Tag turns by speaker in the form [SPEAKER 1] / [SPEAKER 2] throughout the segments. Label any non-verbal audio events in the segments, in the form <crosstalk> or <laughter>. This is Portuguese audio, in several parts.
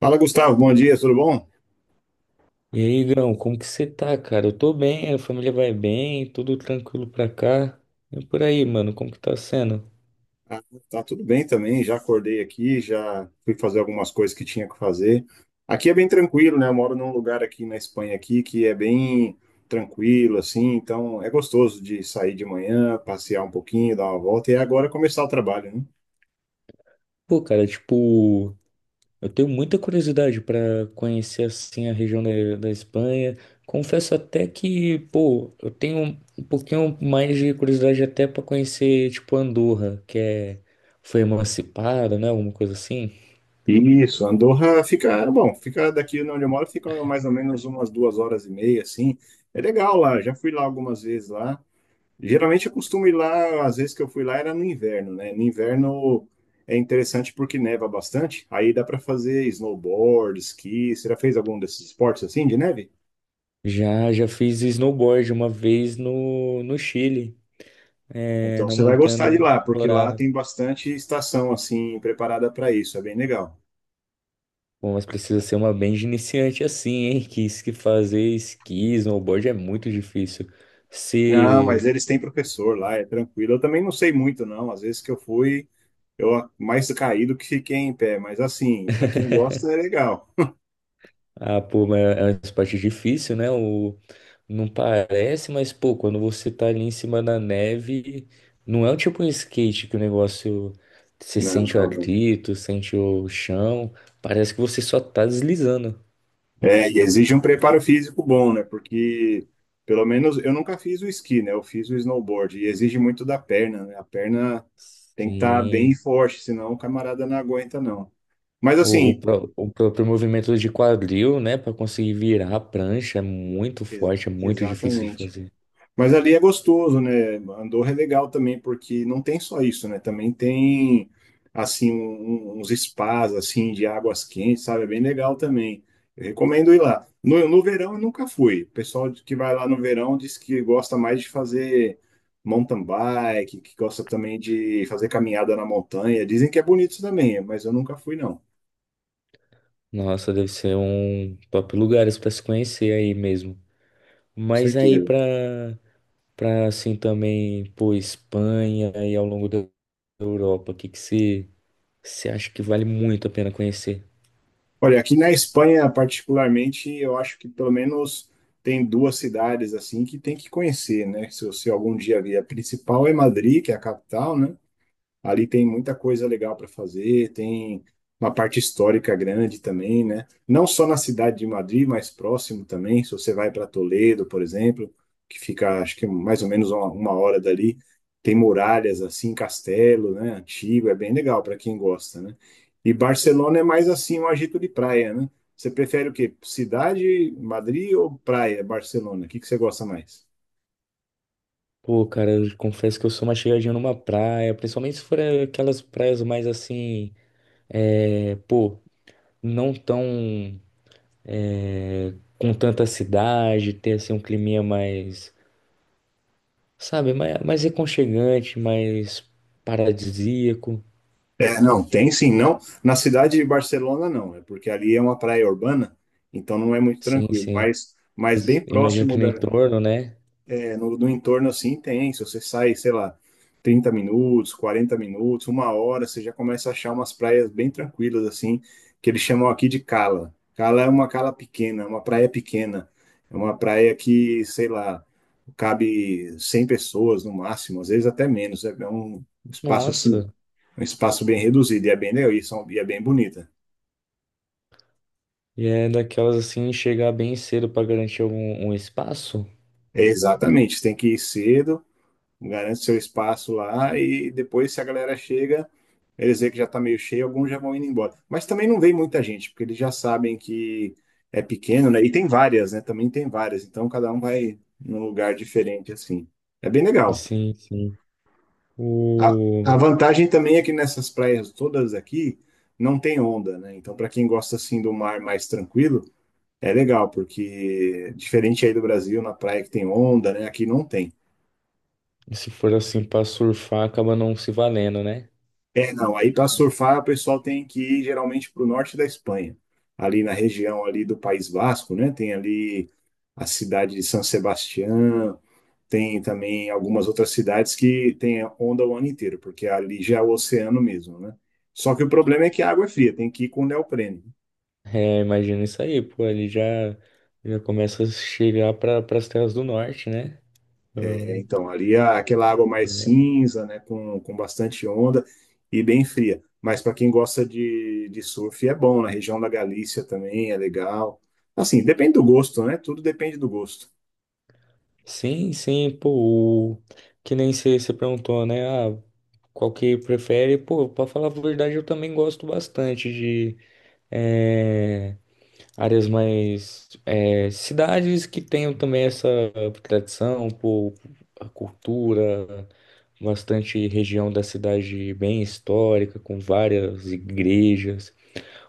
[SPEAKER 1] Fala, Gustavo. Bom dia, tudo bom?
[SPEAKER 2] E aí, Igão, como que você tá, cara? Eu tô bem, a família vai bem, tudo tranquilo pra cá. E por aí, mano, como que tá sendo?
[SPEAKER 1] Ah, tá tudo bem também. Já acordei aqui, já fui fazer algumas coisas que tinha que fazer. Aqui é bem tranquilo, né? Eu moro num lugar aqui na Espanha aqui que é bem tranquilo, assim. Então é gostoso de sair de manhã, passear um pouquinho, dar uma volta e é agora começar o trabalho, né?
[SPEAKER 2] Pô, cara, tipo, eu tenho muita curiosidade pra conhecer, assim, a região da Espanha. Confesso até que, pô, eu tenho um pouquinho mais de curiosidade até pra conhecer, tipo, Andorra, que é foi emancipada, né, alguma coisa assim.
[SPEAKER 1] Isso, Andorra fica, bom, fica daqui onde eu moro, fica mais ou menos umas 2 horas e meia, assim. É legal lá. Já fui lá algumas vezes lá. Geralmente eu costumo ir lá, às vezes que eu fui lá era no inverno, né? No inverno é interessante porque neva bastante, aí dá para fazer snowboard, esqui. Você já fez algum desses esportes assim de neve?
[SPEAKER 2] Já fiz snowboard uma vez no Chile, é,
[SPEAKER 1] Então
[SPEAKER 2] na
[SPEAKER 1] você vai
[SPEAKER 2] montanha
[SPEAKER 1] gostar de
[SPEAKER 2] do
[SPEAKER 1] lá, porque lá
[SPEAKER 2] Colorado.
[SPEAKER 1] tem bastante estação assim preparada para isso, é bem legal.
[SPEAKER 2] Bom, mas precisa ser uma bem de iniciante assim, hein? Que isso que fazer esqui, snowboard é muito difícil.
[SPEAKER 1] Não, mas
[SPEAKER 2] Se.
[SPEAKER 1] eles têm professor lá, é tranquilo. Eu também não sei muito, não. Às vezes que eu fui, eu mais caí do que fiquei em pé, mas assim, para quem gosta é legal.
[SPEAKER 2] Ah, pô, mas é uma esporte difícil, né? O não parece, mas, pô, quando você tá ali em cima da neve, não é o tipo um skate que o negócio. Você
[SPEAKER 1] Não,
[SPEAKER 2] sente o
[SPEAKER 1] não, não.
[SPEAKER 2] atrito, sente o chão. Parece que você só tá deslizando.
[SPEAKER 1] É, e exige um preparo físico bom, né? Porque, pelo menos, eu nunca fiz o esqui, né? Eu fiz o snowboard e exige muito da perna, né? A perna tem que estar bem
[SPEAKER 2] Sim.
[SPEAKER 1] forte, senão o camarada não aguenta, não. Mas,
[SPEAKER 2] O, o,
[SPEAKER 1] assim,
[SPEAKER 2] pró- o próprio movimento de quadril, né, para conseguir virar a prancha é muito
[SPEAKER 1] ex-
[SPEAKER 2] forte, é muito difícil de
[SPEAKER 1] exatamente.
[SPEAKER 2] fazer.
[SPEAKER 1] Mas ali é gostoso, né? Andorra é legal também, porque não tem só isso, né? Também tem, assim, uns spas, assim, de águas quentes, sabe? É bem legal também. Eu recomendo ir lá. No verão eu nunca fui. O pessoal que vai lá no verão diz que gosta mais de fazer mountain bike, que gosta também de fazer caminhada na montanha. Dizem que é bonito também, mas eu nunca fui, não.
[SPEAKER 2] Nossa, deve ser um top lugares para se conhecer aí mesmo.
[SPEAKER 1] Com
[SPEAKER 2] Mas aí
[SPEAKER 1] certeza.
[SPEAKER 2] para assim também, pô, Espanha e ao longo da Europa, o que que você acha que vale muito a pena conhecer?
[SPEAKER 1] Olha, aqui na Espanha, particularmente, eu acho que pelo menos tem duas cidades assim que tem que conhecer, né? Se você algum dia vier, a principal é Madrid, que é a capital, né? Ali tem muita coisa legal para fazer, tem uma parte histórica grande também, né? Não só na cidade de Madrid, mas próximo também. Se você vai para Toledo, por exemplo, que fica, acho que mais ou menos uma hora dali, tem muralhas assim, castelo, né? Antigo, é bem legal para quem gosta, né? E Barcelona é mais assim, um agito de praia, né? Você prefere o quê? Cidade, Madrid ou praia, Barcelona? O que que você gosta mais?
[SPEAKER 2] Pô, cara, eu confesso que eu sou uma chegadinha numa praia, principalmente se for aquelas praias mais assim, é, pô, não tão com tanta cidade, ter assim um clima mais, sabe, mais, mais aconchegante, mais paradisíaco.
[SPEAKER 1] É, não, tem sim, não. Na cidade de Barcelona, não, é porque ali é uma praia urbana, então não é muito
[SPEAKER 2] Sim,
[SPEAKER 1] tranquilo,
[SPEAKER 2] sim.
[SPEAKER 1] mas,
[SPEAKER 2] Mas
[SPEAKER 1] bem
[SPEAKER 2] imagino
[SPEAKER 1] próximo
[SPEAKER 2] que no
[SPEAKER 1] da,
[SPEAKER 2] entorno, né?
[SPEAKER 1] é, no entorno assim tem. Se você sai, sei lá, 30 minutos, 40 minutos, uma hora, você já começa a achar umas praias bem tranquilas assim, que eles chamam aqui de cala. Cala é uma cala pequena, é uma praia pequena, é uma praia que, sei lá, cabe 100 pessoas no máximo, às vezes até menos, é um espaço assim
[SPEAKER 2] Nossa.
[SPEAKER 1] um espaço bem reduzido e é bem legal e, são, e é bem bonita.
[SPEAKER 2] E é daquelas assim, chegar bem cedo para garantir algum um espaço.
[SPEAKER 1] É exatamente, tem que ir cedo, garante seu espaço lá e depois se a galera chega, eles veem que já está meio cheio, alguns já vão indo embora. Mas também não vem muita gente, porque eles já sabem que é pequeno, né? E tem várias, né? Também tem várias, então cada um vai num lugar diferente assim. É bem legal.
[SPEAKER 2] Sim, sim.
[SPEAKER 1] A,
[SPEAKER 2] O.
[SPEAKER 1] a vantagem também é que nessas praias todas aqui não tem onda, né? Então para quem gosta assim do mar mais tranquilo, é legal, porque diferente aí do Brasil, na praia que tem onda, né? Aqui não tem.
[SPEAKER 2] Se for assim para surfar, acaba não se valendo, né?
[SPEAKER 1] É, não, aí para surfar o pessoal tem que ir geralmente para o norte da Espanha, ali na região ali do País Vasco, né? Tem ali a cidade de San Sebastián, tem também algumas outras cidades que tem onda o ano inteiro, porque ali já é o oceano mesmo, né? Só que o problema é que a água é fria, tem que ir com neoprene.
[SPEAKER 2] É, imagina isso aí, pô, já começa a chegar para as terras do norte, né?
[SPEAKER 1] É, então, ali aquela água mais cinza, né, com bastante onda e bem fria. Mas para quem gosta de surf é bom, na região da Galícia também é legal. Assim, depende do gosto, né? Tudo depende do gosto.
[SPEAKER 2] Sim, sim, pô, o que nem você perguntou, né? Ah, qual que prefere? Pô, pra falar a verdade, eu também gosto bastante de eh, áreas mais. Cidades que tenham também essa tradição, pô, a cultura, bastante região da cidade bem histórica, com várias igrejas.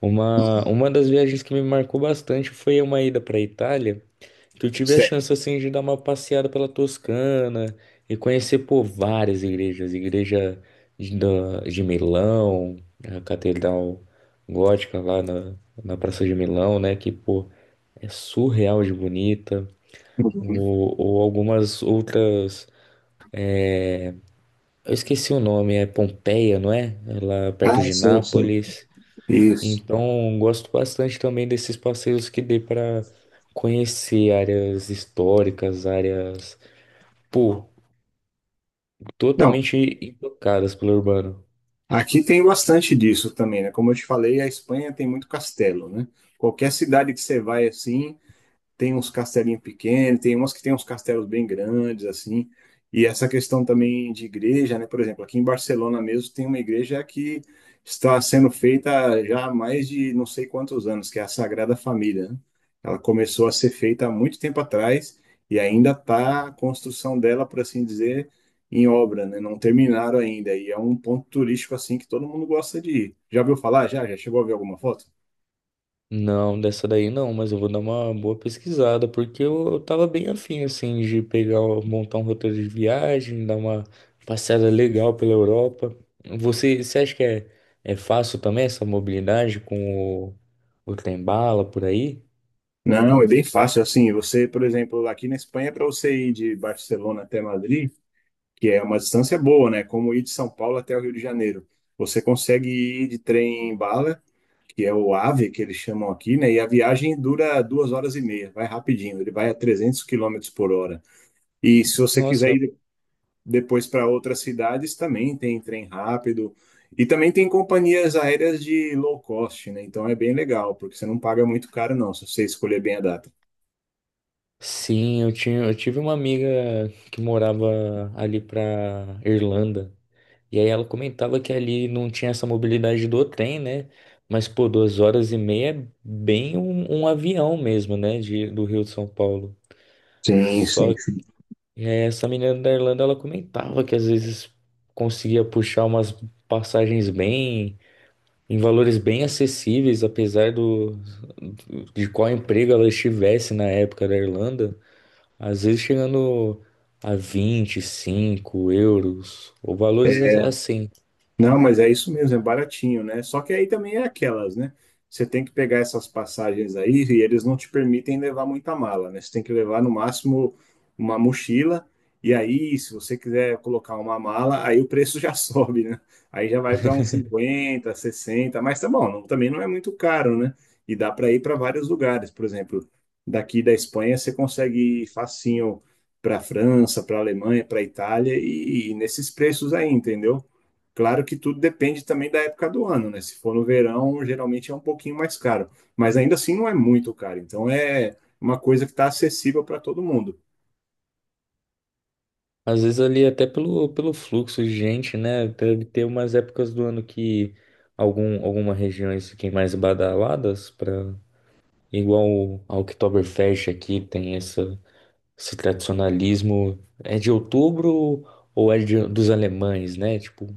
[SPEAKER 2] Uma das viagens que me marcou bastante foi uma ida para Itália. Que eu tive a
[SPEAKER 1] Certo.
[SPEAKER 2] chance assim de dar uma passeada pela Toscana e conhecer pô, várias igrejas, de Milão, a Catedral Gótica na Praça de Milão, né? Que pô, é surreal de bonita.
[SPEAKER 1] Uhum.
[SPEAKER 2] Ou algumas outras, eu esqueci o nome, é Pompeia, não é? É lá
[SPEAKER 1] Ah,
[SPEAKER 2] perto de
[SPEAKER 1] sim, sim.
[SPEAKER 2] Nápoles.
[SPEAKER 1] Isso.
[SPEAKER 2] Então, gosto bastante também desses passeios que dê para conhecer áreas históricas, áreas pô,
[SPEAKER 1] Não,
[SPEAKER 2] totalmente intocadas pelo urbano.
[SPEAKER 1] aqui tem bastante disso também, né? Como eu te falei, a Espanha tem muito castelo, né? Qualquer cidade que você vai assim, tem uns castelinhos pequenos, tem umas que tem uns castelos bem grandes, assim. E essa questão também de igreja, né? Por exemplo, aqui em Barcelona mesmo tem uma igreja que está sendo feita já há mais de não sei quantos anos, que é a Sagrada Família, né? Ela começou a ser feita há muito tempo atrás e ainda está a construção dela, por assim dizer, em obra, né? Não terminaram ainda. E é um ponto turístico assim que todo mundo gosta de ir. Já viu falar? Já? Já chegou a ver alguma foto?
[SPEAKER 2] Não, dessa daí não, mas eu vou dar uma boa pesquisada, porque eu tava bem afim, assim, de montar um roteiro de viagem, dar uma passeada legal pela Europa. Você acha que é fácil também essa mobilidade com o trem-bala por aí?
[SPEAKER 1] Não, é bem fácil. Assim, você, por exemplo, aqui na Espanha, para você ir de Barcelona até Madrid, que é uma distância boa, né? Como ir de São Paulo até o Rio de Janeiro. Você consegue ir de trem bala, que é o AVE, que eles chamam aqui, né? E a viagem dura 2 horas e meia, vai rapidinho. Ele vai a 300 quilômetros por hora. E se você quiser
[SPEAKER 2] Nossa,
[SPEAKER 1] depois para outras cidades, também tem trem rápido. E também tem companhias aéreas de low cost, né? Então é bem legal, porque você não paga muito caro, não, se você escolher bem a data.
[SPEAKER 2] sim, eu tive uma amiga que morava ali pra Irlanda. E aí ela comentava que ali não tinha essa mobilidade do trem, né? Mas, pô, duas horas e meia é bem um avião mesmo, né? Do Rio de São Paulo.
[SPEAKER 1] Sim,
[SPEAKER 2] Só
[SPEAKER 1] sim.
[SPEAKER 2] que essa menina da Irlanda, ela comentava que às vezes conseguia puxar umas passagens bem, em valores bem acessíveis, apesar de qual emprego ela estivesse na época da Irlanda. Às vezes chegando a 25 euros, ou valores a- assim.
[SPEAKER 1] Não, mas é isso mesmo, é baratinho, né? Só que aí também é aquelas, né? Você tem que pegar essas passagens aí e eles não te permitem levar muita mala, né? Você tem que levar no máximo uma mochila. E aí, se você quiser colocar uma mala, aí o preço já <laughs> sobe, né? Aí já vai para uns 50, 60, mas tá bom, também não é muito caro, né? E dá para ir para vários lugares, por exemplo, daqui da Espanha você consegue ir facinho para França, para Alemanha, para Itália e nesses preços aí, entendeu? Claro que tudo depende também da época do ano, né? Se for no verão, geralmente é um pouquinho mais caro, mas ainda assim não é muito caro. Então é uma coisa que está acessível para todo mundo.
[SPEAKER 2] Às vezes ali até pelo fluxo de gente, né? Deve ter umas épocas do ano que alguma regiões fiquem mais badaladas para a Oktoberfest aqui tem essa, esse tradicionalismo. É de outubro ou é dos alemães, né? Tipo,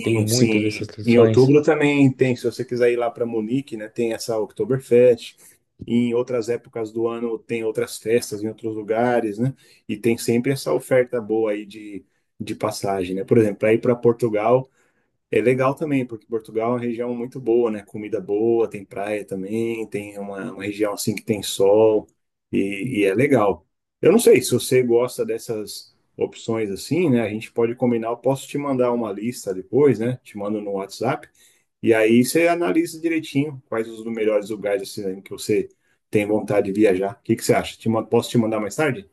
[SPEAKER 2] tem muitas dessas
[SPEAKER 1] sim. Em
[SPEAKER 2] tradições.
[SPEAKER 1] outubro também tem, se você quiser ir lá para Munique, né? Tem essa Oktoberfest. Em outras épocas do ano tem outras festas em outros lugares, né? E tem sempre essa oferta boa aí de passagem, né? Por exemplo, para ir para Portugal é legal também, porque Portugal é uma região muito boa, né? Comida boa, tem praia também, tem uma região assim que tem sol e é legal. Eu não sei se você gosta dessas opções assim, né? A gente pode combinar, eu posso te mandar uma lista depois, né? Te mando no WhatsApp e aí você analisa direitinho quais os melhores lugares assim, né, que você tem vontade de viajar. O que que você acha? Posso te mandar mais tarde?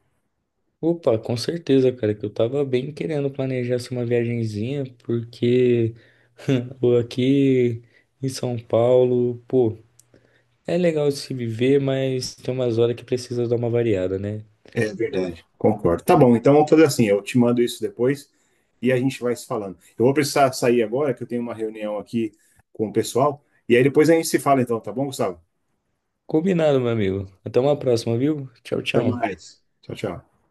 [SPEAKER 2] Opa, com certeza, cara, que eu tava bem querendo planejar assim, uma viagenzinha, porque <laughs> aqui em São Paulo, pô. É legal de se viver, mas tem umas horas que precisa dar uma variada, né?
[SPEAKER 1] É verdade, concordo. Tá bom, então vamos fazer assim, eu te mando isso depois e a gente vai se falando. Eu vou precisar sair agora, que eu tenho uma reunião aqui com o pessoal, e aí depois a gente se fala então, tá bom, Gustavo?
[SPEAKER 2] Combinado, meu amigo. Até uma próxima, viu? Tchau,
[SPEAKER 1] Até
[SPEAKER 2] tchau.
[SPEAKER 1] mais. Tchau, tchau.